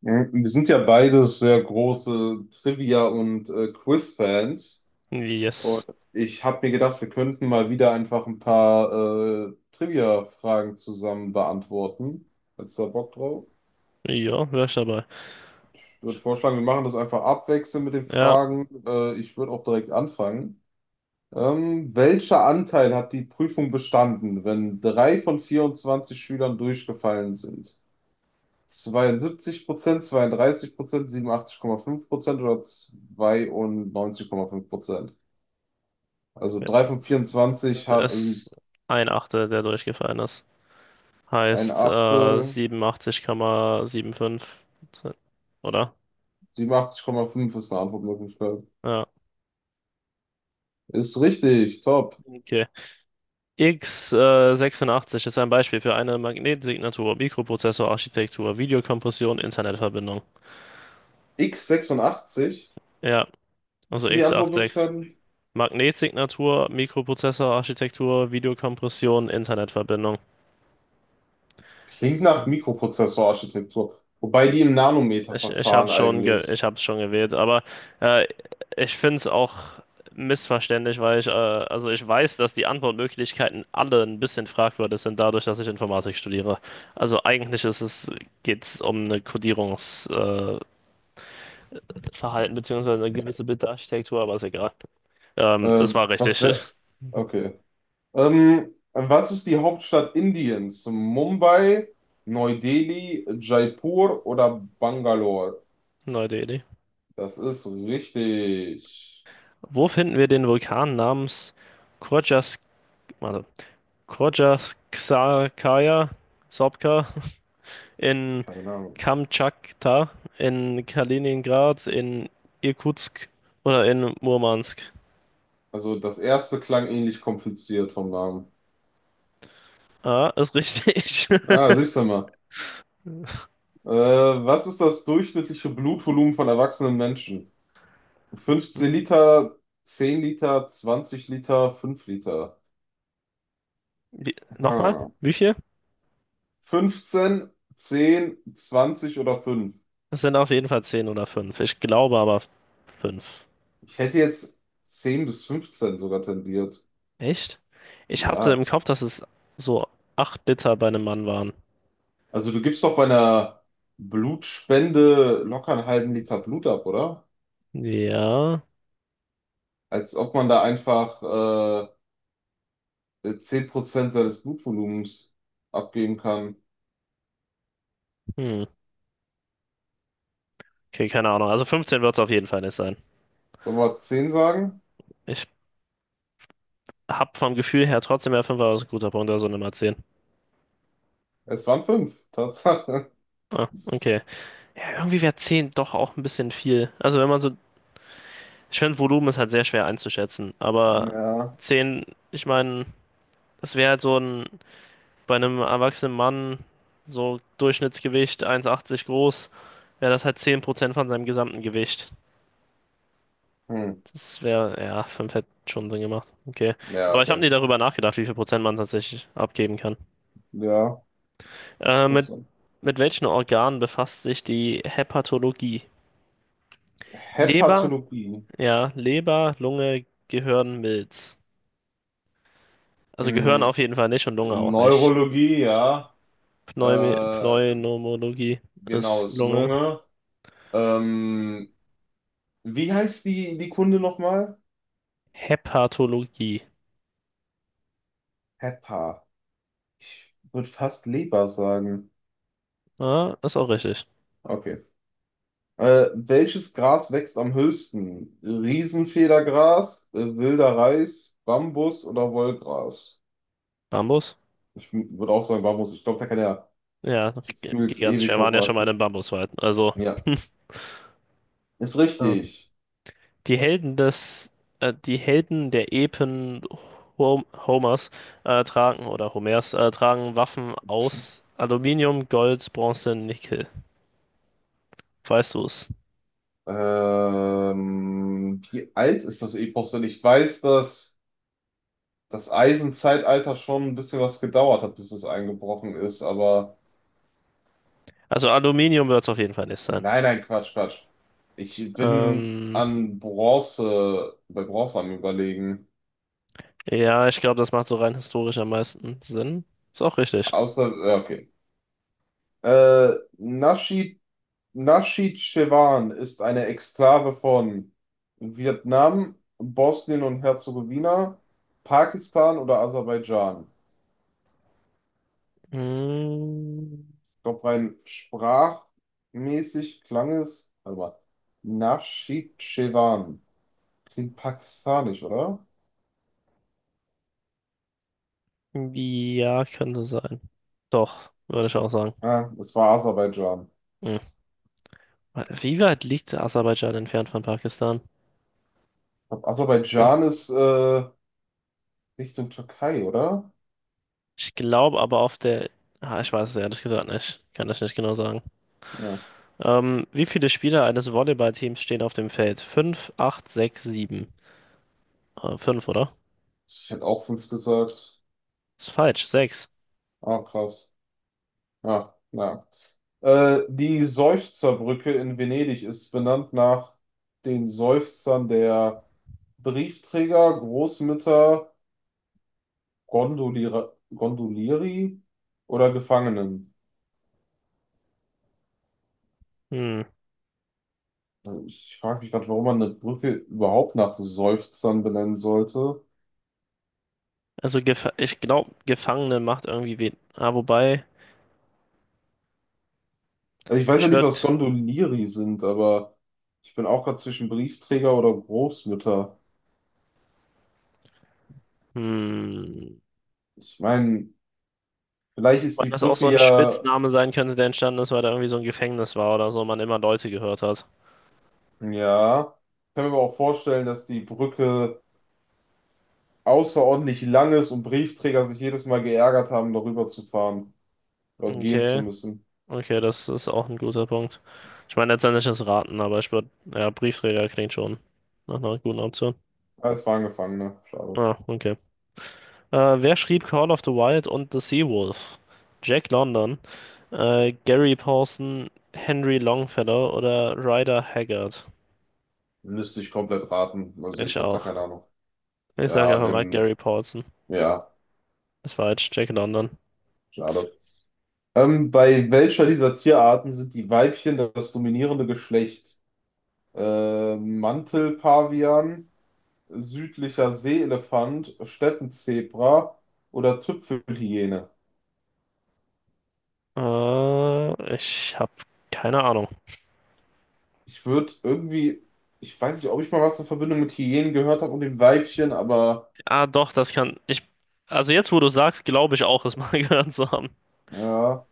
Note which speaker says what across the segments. Speaker 1: Mhm. Wir sind ja beide sehr große Trivia- und Quiz-Fans. Und
Speaker 2: Yes.
Speaker 1: ich habe mir gedacht, wir könnten mal wieder einfach ein paar Trivia-Fragen zusammen beantworten. Hättest du da Bock drauf?
Speaker 2: Ja, wär ich dabei.
Speaker 1: Ich würde vorschlagen, wir machen das einfach abwechselnd mit den
Speaker 2: Ja,
Speaker 1: Fragen. Ich würde auch direkt anfangen. Welcher Anteil hat die Prüfung bestanden, wenn drei von 24 Schülern durchgefallen sind? 72%, 32%, 87,5% oder 92,5%? Also 3 von 24
Speaker 2: es
Speaker 1: sind
Speaker 2: ist ein Achtel, der durchgefallen ist.
Speaker 1: ein
Speaker 2: Heißt,
Speaker 1: Achtel,
Speaker 2: 87,75. Oder?
Speaker 1: 87,5 ist eine Antwortmöglichkeit.
Speaker 2: Ja,
Speaker 1: Ist richtig, top.
Speaker 2: okay. x sechsundachtzig ist ein Beispiel für eine Magnetsignatur, Mikroprozessorarchitektur, Videokompression, Internetverbindung.
Speaker 1: x86,
Speaker 2: Ja,
Speaker 1: was
Speaker 2: also
Speaker 1: sind die
Speaker 2: x86.
Speaker 1: Antwortmöglichkeiten?
Speaker 2: Magnetsignatur, Mikroprozessorarchitektur, Videokompression, Internetverbindung.
Speaker 1: Klingt
Speaker 2: Hm.
Speaker 1: nach Mikroprozessorarchitektur. Wobei die im
Speaker 2: Ich habe
Speaker 1: Nanometerverfahren
Speaker 2: es schon, ge ich
Speaker 1: eigentlich.
Speaker 2: hab's schon gewählt, aber äh, ich finde es auch missverständlich, weil also ich weiß, dass die Antwortmöglichkeiten alle ein bisschen fragwürdig sind, dadurch, dass ich Informatik studiere. Also geht es um eine Codierungsverhalten Verhalten beziehungsweise eine gewisse Bildarchitektur, aber ist egal. Es war
Speaker 1: Was
Speaker 2: richtig.
Speaker 1: wär. Okay. Was ist die Hauptstadt Indiens? Mumbai, Neu-Delhi, Jaipur oder Bangalore?
Speaker 2: Neue Idee.
Speaker 1: Das ist richtig.
Speaker 2: Wo finden wir den Vulkan namens Krodjas, warte, Krodjaskaya, Sopka? In
Speaker 1: Keine Ahnung.
Speaker 2: Kamtschatka, in Kaliningrad, in Irkutsk oder in Murmansk.
Speaker 1: Also das erste klang ähnlich kompliziert vom Namen.
Speaker 2: Ah, ist richtig.
Speaker 1: Ah, siehst du mal. Äh, Was ist das durchschnittliche Blutvolumen von erwachsenen Menschen? 15 Liter, 10 Liter, 20 Liter, 5 Liter.
Speaker 2: Nochmal,
Speaker 1: Aha.
Speaker 2: wie viel?
Speaker 1: 15, 10, 20 oder 5?
Speaker 2: Es sind auf jeden Fall zehn oder fünf. Ich glaube aber fünf.
Speaker 1: Ich hätte jetzt 10 bis 15 sogar tendiert.
Speaker 2: Echt? Ich hatte im
Speaker 1: Ja.
Speaker 2: Kopf, dass es so 8 Liter bei einem Mann waren.
Speaker 1: Also du gibst doch bei einer Blutspende locker einen halben Liter Blut ab, oder?
Speaker 2: Ja.
Speaker 1: Als ob man da einfach 10% seines Blutvolumens abgeben kann.
Speaker 2: Hm. Okay, keine Ahnung. Also 15 wird es auf jeden Fall nicht sein.
Speaker 1: Sollen wir zehn sagen?
Speaker 2: Ich hab vom Gefühl her trotzdem, ja, 5 war ein guter Punkt, also Nummer 10.
Speaker 1: Es waren fünf Tatsache.
Speaker 2: Ah, okay. Ja, irgendwie wäre 10 doch auch ein bisschen viel. Also wenn ich finde Volumen ist halt sehr schwer einzuschätzen, aber
Speaker 1: Ja.
Speaker 2: 10, ich meine, das wäre halt bei einem erwachsenen Mann, so Durchschnittsgewicht 1,80 groß, wäre das halt 10% von seinem gesamten Gewicht.
Speaker 1: Hm.
Speaker 2: Das wäre, ja, 5 hätte schon Sinn gemacht. Okay.
Speaker 1: Ja,
Speaker 2: Aber ich habe nie
Speaker 1: okay.
Speaker 2: darüber nachgedacht, wie viel Prozent man tatsächlich abgeben kann.
Speaker 1: Ja. Ist
Speaker 2: Äh,
Speaker 1: das
Speaker 2: mit,
Speaker 1: so?
Speaker 2: mit welchen Organen befasst sich die Hepatologie? Leber.
Speaker 1: Hepatologie.
Speaker 2: Ja, Leber, Lunge, Gehirn, Milz. Also Gehirn
Speaker 1: Hm.
Speaker 2: auf jeden Fall nicht und Lunge auch nicht.
Speaker 1: Neurologie, ja. Äh,
Speaker 2: Pneumi Pneumologie
Speaker 1: genau,
Speaker 2: ist
Speaker 1: ist
Speaker 2: Lunge.
Speaker 1: Lunge. Ähm, Wie heißt die Kunde nochmal?
Speaker 2: Hepatologie.
Speaker 1: Heppa. Ich würde fast Leber sagen.
Speaker 2: Ah, ist auch richtig.
Speaker 1: Okay. Welches Gras wächst am höchsten? Riesenfedergras, wilder Reis, Bambus oder Wollgras?
Speaker 2: Bambus?
Speaker 1: Ich würde auch sagen Bambus. Ich glaube, da kann er
Speaker 2: Ja,
Speaker 1: gefühlt
Speaker 2: gigantisch.
Speaker 1: ewig
Speaker 2: Wir waren ja schon mal in
Speaker 1: hochwachsen.
Speaker 2: einem Bambuswald. Also,
Speaker 1: Ja, ist
Speaker 2: ja.
Speaker 1: richtig.
Speaker 2: Die Helden des, die Helden der Epen Homers tragen, oder Homers, tragen Waffen aus Aluminium, Gold, Bronze, Nickel. Weißt du es?
Speaker 1: Wie alt ist das Epos denn? Ich weiß, dass das Eisenzeitalter schon ein bisschen was gedauert hat, bis es eingebrochen ist, aber.
Speaker 2: Also Aluminium wird es auf jeden Fall nicht.
Speaker 1: Nein, nein, Quatsch, Quatsch. Ich bin
Speaker 2: Ähm,
Speaker 1: an Bronze, bei Bronze am Überlegen.
Speaker 2: ja, ich glaube, das macht so rein historisch am meisten Sinn. Ist auch richtig.
Speaker 1: Außer, okay. Äh, Naschid, Naschid Chewan ist eine Exklave von Vietnam, Bosnien und Herzegowina, Pakistan oder Aserbaidschan.
Speaker 2: Mm,
Speaker 1: Ich glaube, rein sprachmäßig klang es, warte mal, Naschid Chewan. Klingt pakistanisch, oder?
Speaker 2: ja, könnte sein. Doch, würde ich auch sagen.
Speaker 1: Ah, es war Aserbaidschan.
Speaker 2: Hm. Wie weit liegt Aserbaidschan entfernt von Pakistan?
Speaker 1: Ich glaub,
Speaker 2: Ja.
Speaker 1: Aserbaidschan ist Richtung Türkei, oder?
Speaker 2: Ich glaube aber auf der. Ah, ich weiß es ehrlich gesagt nicht. Kann das nicht genau sagen.
Speaker 1: Ja.
Speaker 2: Wie viele Spieler eines Volleyballteams stehen auf dem Feld? 5, 8, 6, 7. 5, oder?
Speaker 1: Ich hätte auch fünf gesagt.
Speaker 2: Ist falsch. 6.
Speaker 1: Ah, krass. Ja, naja. Die Seufzerbrücke in Venedig ist benannt nach den Seufzern der Briefträger, Großmütter, Gondoliere, Gondolieri oder Gefangenen.
Speaker 2: Hm.
Speaker 1: Also ich frage mich gerade, warum man eine Brücke überhaupt nach Seufzern benennen sollte.
Speaker 2: Also, gef ich glaube, Gefangene macht irgendwie wen. Ah, wobei.
Speaker 1: Also ich weiß ja
Speaker 2: Ich
Speaker 1: nicht, was
Speaker 2: würde,
Speaker 1: Gondolieri sind, aber ich bin auch gerade zwischen Briefträger oder Großmütter.
Speaker 2: hm,
Speaker 1: Ich meine, vielleicht ist
Speaker 2: weil
Speaker 1: die
Speaker 2: das auch
Speaker 1: Brücke
Speaker 2: so ein
Speaker 1: ja,
Speaker 2: Spitzname sein könnte, der entstanden ist, weil da irgendwie so ein Gefängnis war oder so, man immer Leute gehört hat.
Speaker 1: ja, ich kann mir aber auch vorstellen, dass die Brücke außerordentlich lang ist und Briefträger sich jedes Mal geärgert haben, darüber zu fahren oder gehen zu
Speaker 2: Okay,
Speaker 1: müssen.
Speaker 2: okay, das ist auch ein guter Punkt. Ich meine, letztendlich ist Raten, aber ich würde, ja, Briefträger klingt schon nach einer guten Option.
Speaker 1: Ah, es waren Gefangene, schade.
Speaker 2: Ah, okay. Wer schrieb Call of the Wild und The Seawolf? Jack London, Gary Paulson, Henry Longfellow oder Ryder Haggard?
Speaker 1: Müsste ich komplett raten, also
Speaker 2: Ich
Speaker 1: ich habe da
Speaker 2: auch.
Speaker 1: keine Ahnung.
Speaker 2: Ich sage
Speaker 1: Ja,
Speaker 2: einfach mal
Speaker 1: nimm,
Speaker 2: Gary Paulson.
Speaker 1: ja,
Speaker 2: Ist falsch, Jack London.
Speaker 1: schade. Bei welcher dieser Tierarten sind die Weibchen das dominierende Geschlecht? Mantelpavian, südlicher Seeelefant, Steppenzebra oder Tüpfelhyäne.
Speaker 2: Ich habe keine Ahnung.
Speaker 1: Ich würde irgendwie, ich weiß nicht, ob ich mal was in Verbindung mit Hyänen gehört habe und dem Weibchen, aber
Speaker 2: Ah, doch, das kann ich. Also jetzt, wo du sagst, glaube ich auch, es mal gehört zu haben.
Speaker 1: ja,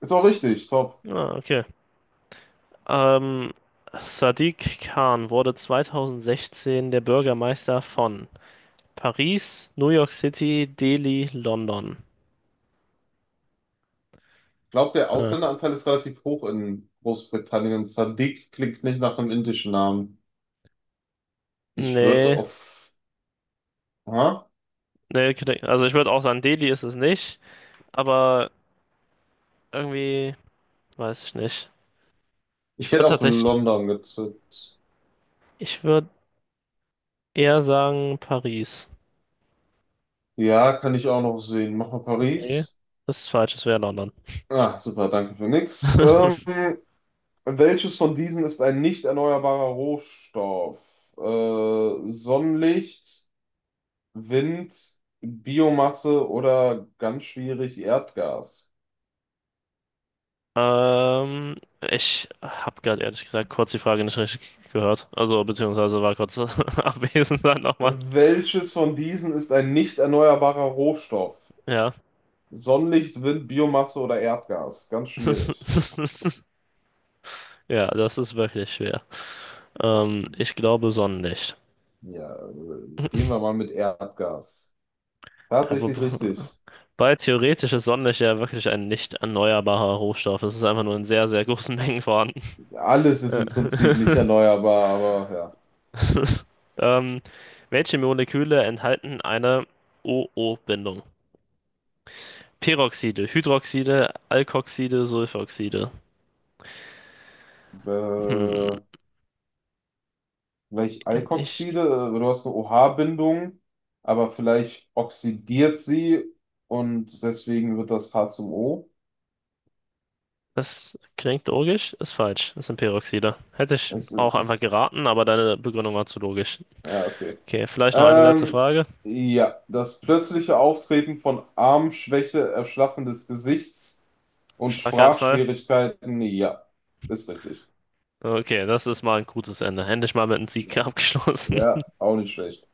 Speaker 1: ist auch richtig, top.
Speaker 2: Ah, okay. Ähm, Sadiq Khan wurde 2016 der Bürgermeister von Paris, New York City, Delhi, London.
Speaker 1: Ich glaube, der
Speaker 2: Ah,
Speaker 1: Ausländeranteil ist relativ hoch in Großbritannien. Sadiq klingt nicht nach einem indischen Namen. Ich würde
Speaker 2: nee,
Speaker 1: auf, ha?
Speaker 2: nee, also ich würde auch sagen, Delhi ist es nicht, aber irgendwie weiß ich nicht. Ich
Speaker 1: Ich
Speaker 2: würde
Speaker 1: hätte auf
Speaker 2: tatsächlich,
Speaker 1: London getippt.
Speaker 2: ich würde eher sagen Paris.
Speaker 1: Ja, kann ich auch noch sehen. Mach mal
Speaker 2: Okay,
Speaker 1: Paris.
Speaker 2: das ist falsch, es wäre London.
Speaker 1: Ah, super, danke für nix. Welches von diesen ist ein nicht erneuerbarer Rohstoff? Sonnenlicht, Wind, Biomasse oder ganz schwierig Erdgas?
Speaker 2: Ähm, ich habe gerade ehrlich gesagt kurz die Frage nicht richtig gehört. Also, beziehungsweise war kurz abwesend dann nochmal.
Speaker 1: Welches von diesen ist ein nicht erneuerbarer Rohstoff?
Speaker 2: Ja.
Speaker 1: Sonnenlicht, Wind, Biomasse oder Erdgas? Ganz schwierig.
Speaker 2: Ja, das ist wirklich schwer. Ich glaube Sonnenlicht.
Speaker 1: Ja, gehen wir mal mit Erdgas.
Speaker 2: Ja,
Speaker 1: Tatsächlich richtig.
Speaker 2: wobei theoretisch ist Sonnenlicht ja wirklich ein nicht erneuerbarer Rohstoff. Es ist einfach nur in sehr, sehr großen Mengen vorhanden.
Speaker 1: Alles ist
Speaker 2: Äh.
Speaker 1: im Prinzip nicht erneuerbar, aber
Speaker 2: Ähm, welche Moleküle enthalten eine o o bindung? Peroxide, Hydroxide, Alkoxide, Sulfoxide.
Speaker 1: ja.
Speaker 2: Hm,
Speaker 1: Vielleicht Alkoxide,
Speaker 2: ich,
Speaker 1: du hast eine OH-Bindung, aber vielleicht oxidiert sie und deswegen wird das H zum O.
Speaker 2: das klingt logisch, ist falsch. Das sind Peroxide. Hätte ich
Speaker 1: Es ist,
Speaker 2: auch
Speaker 1: es
Speaker 2: einfach
Speaker 1: ist,
Speaker 2: geraten, aber deine Begründung war zu logisch.
Speaker 1: ja, okay.
Speaker 2: Okay, vielleicht noch eine letzte
Speaker 1: Ähm,
Speaker 2: Frage.
Speaker 1: ja, das plötzliche Auftreten von Armschwäche, Erschlaffen des Gesichts und
Speaker 2: Schlaganfall.
Speaker 1: Sprachschwierigkeiten, ja, ist richtig.
Speaker 2: Okay, das ist mal ein gutes Ende. Endlich mal mit einem Sieg abgeschlossen.
Speaker 1: Ja, auch nicht schlecht.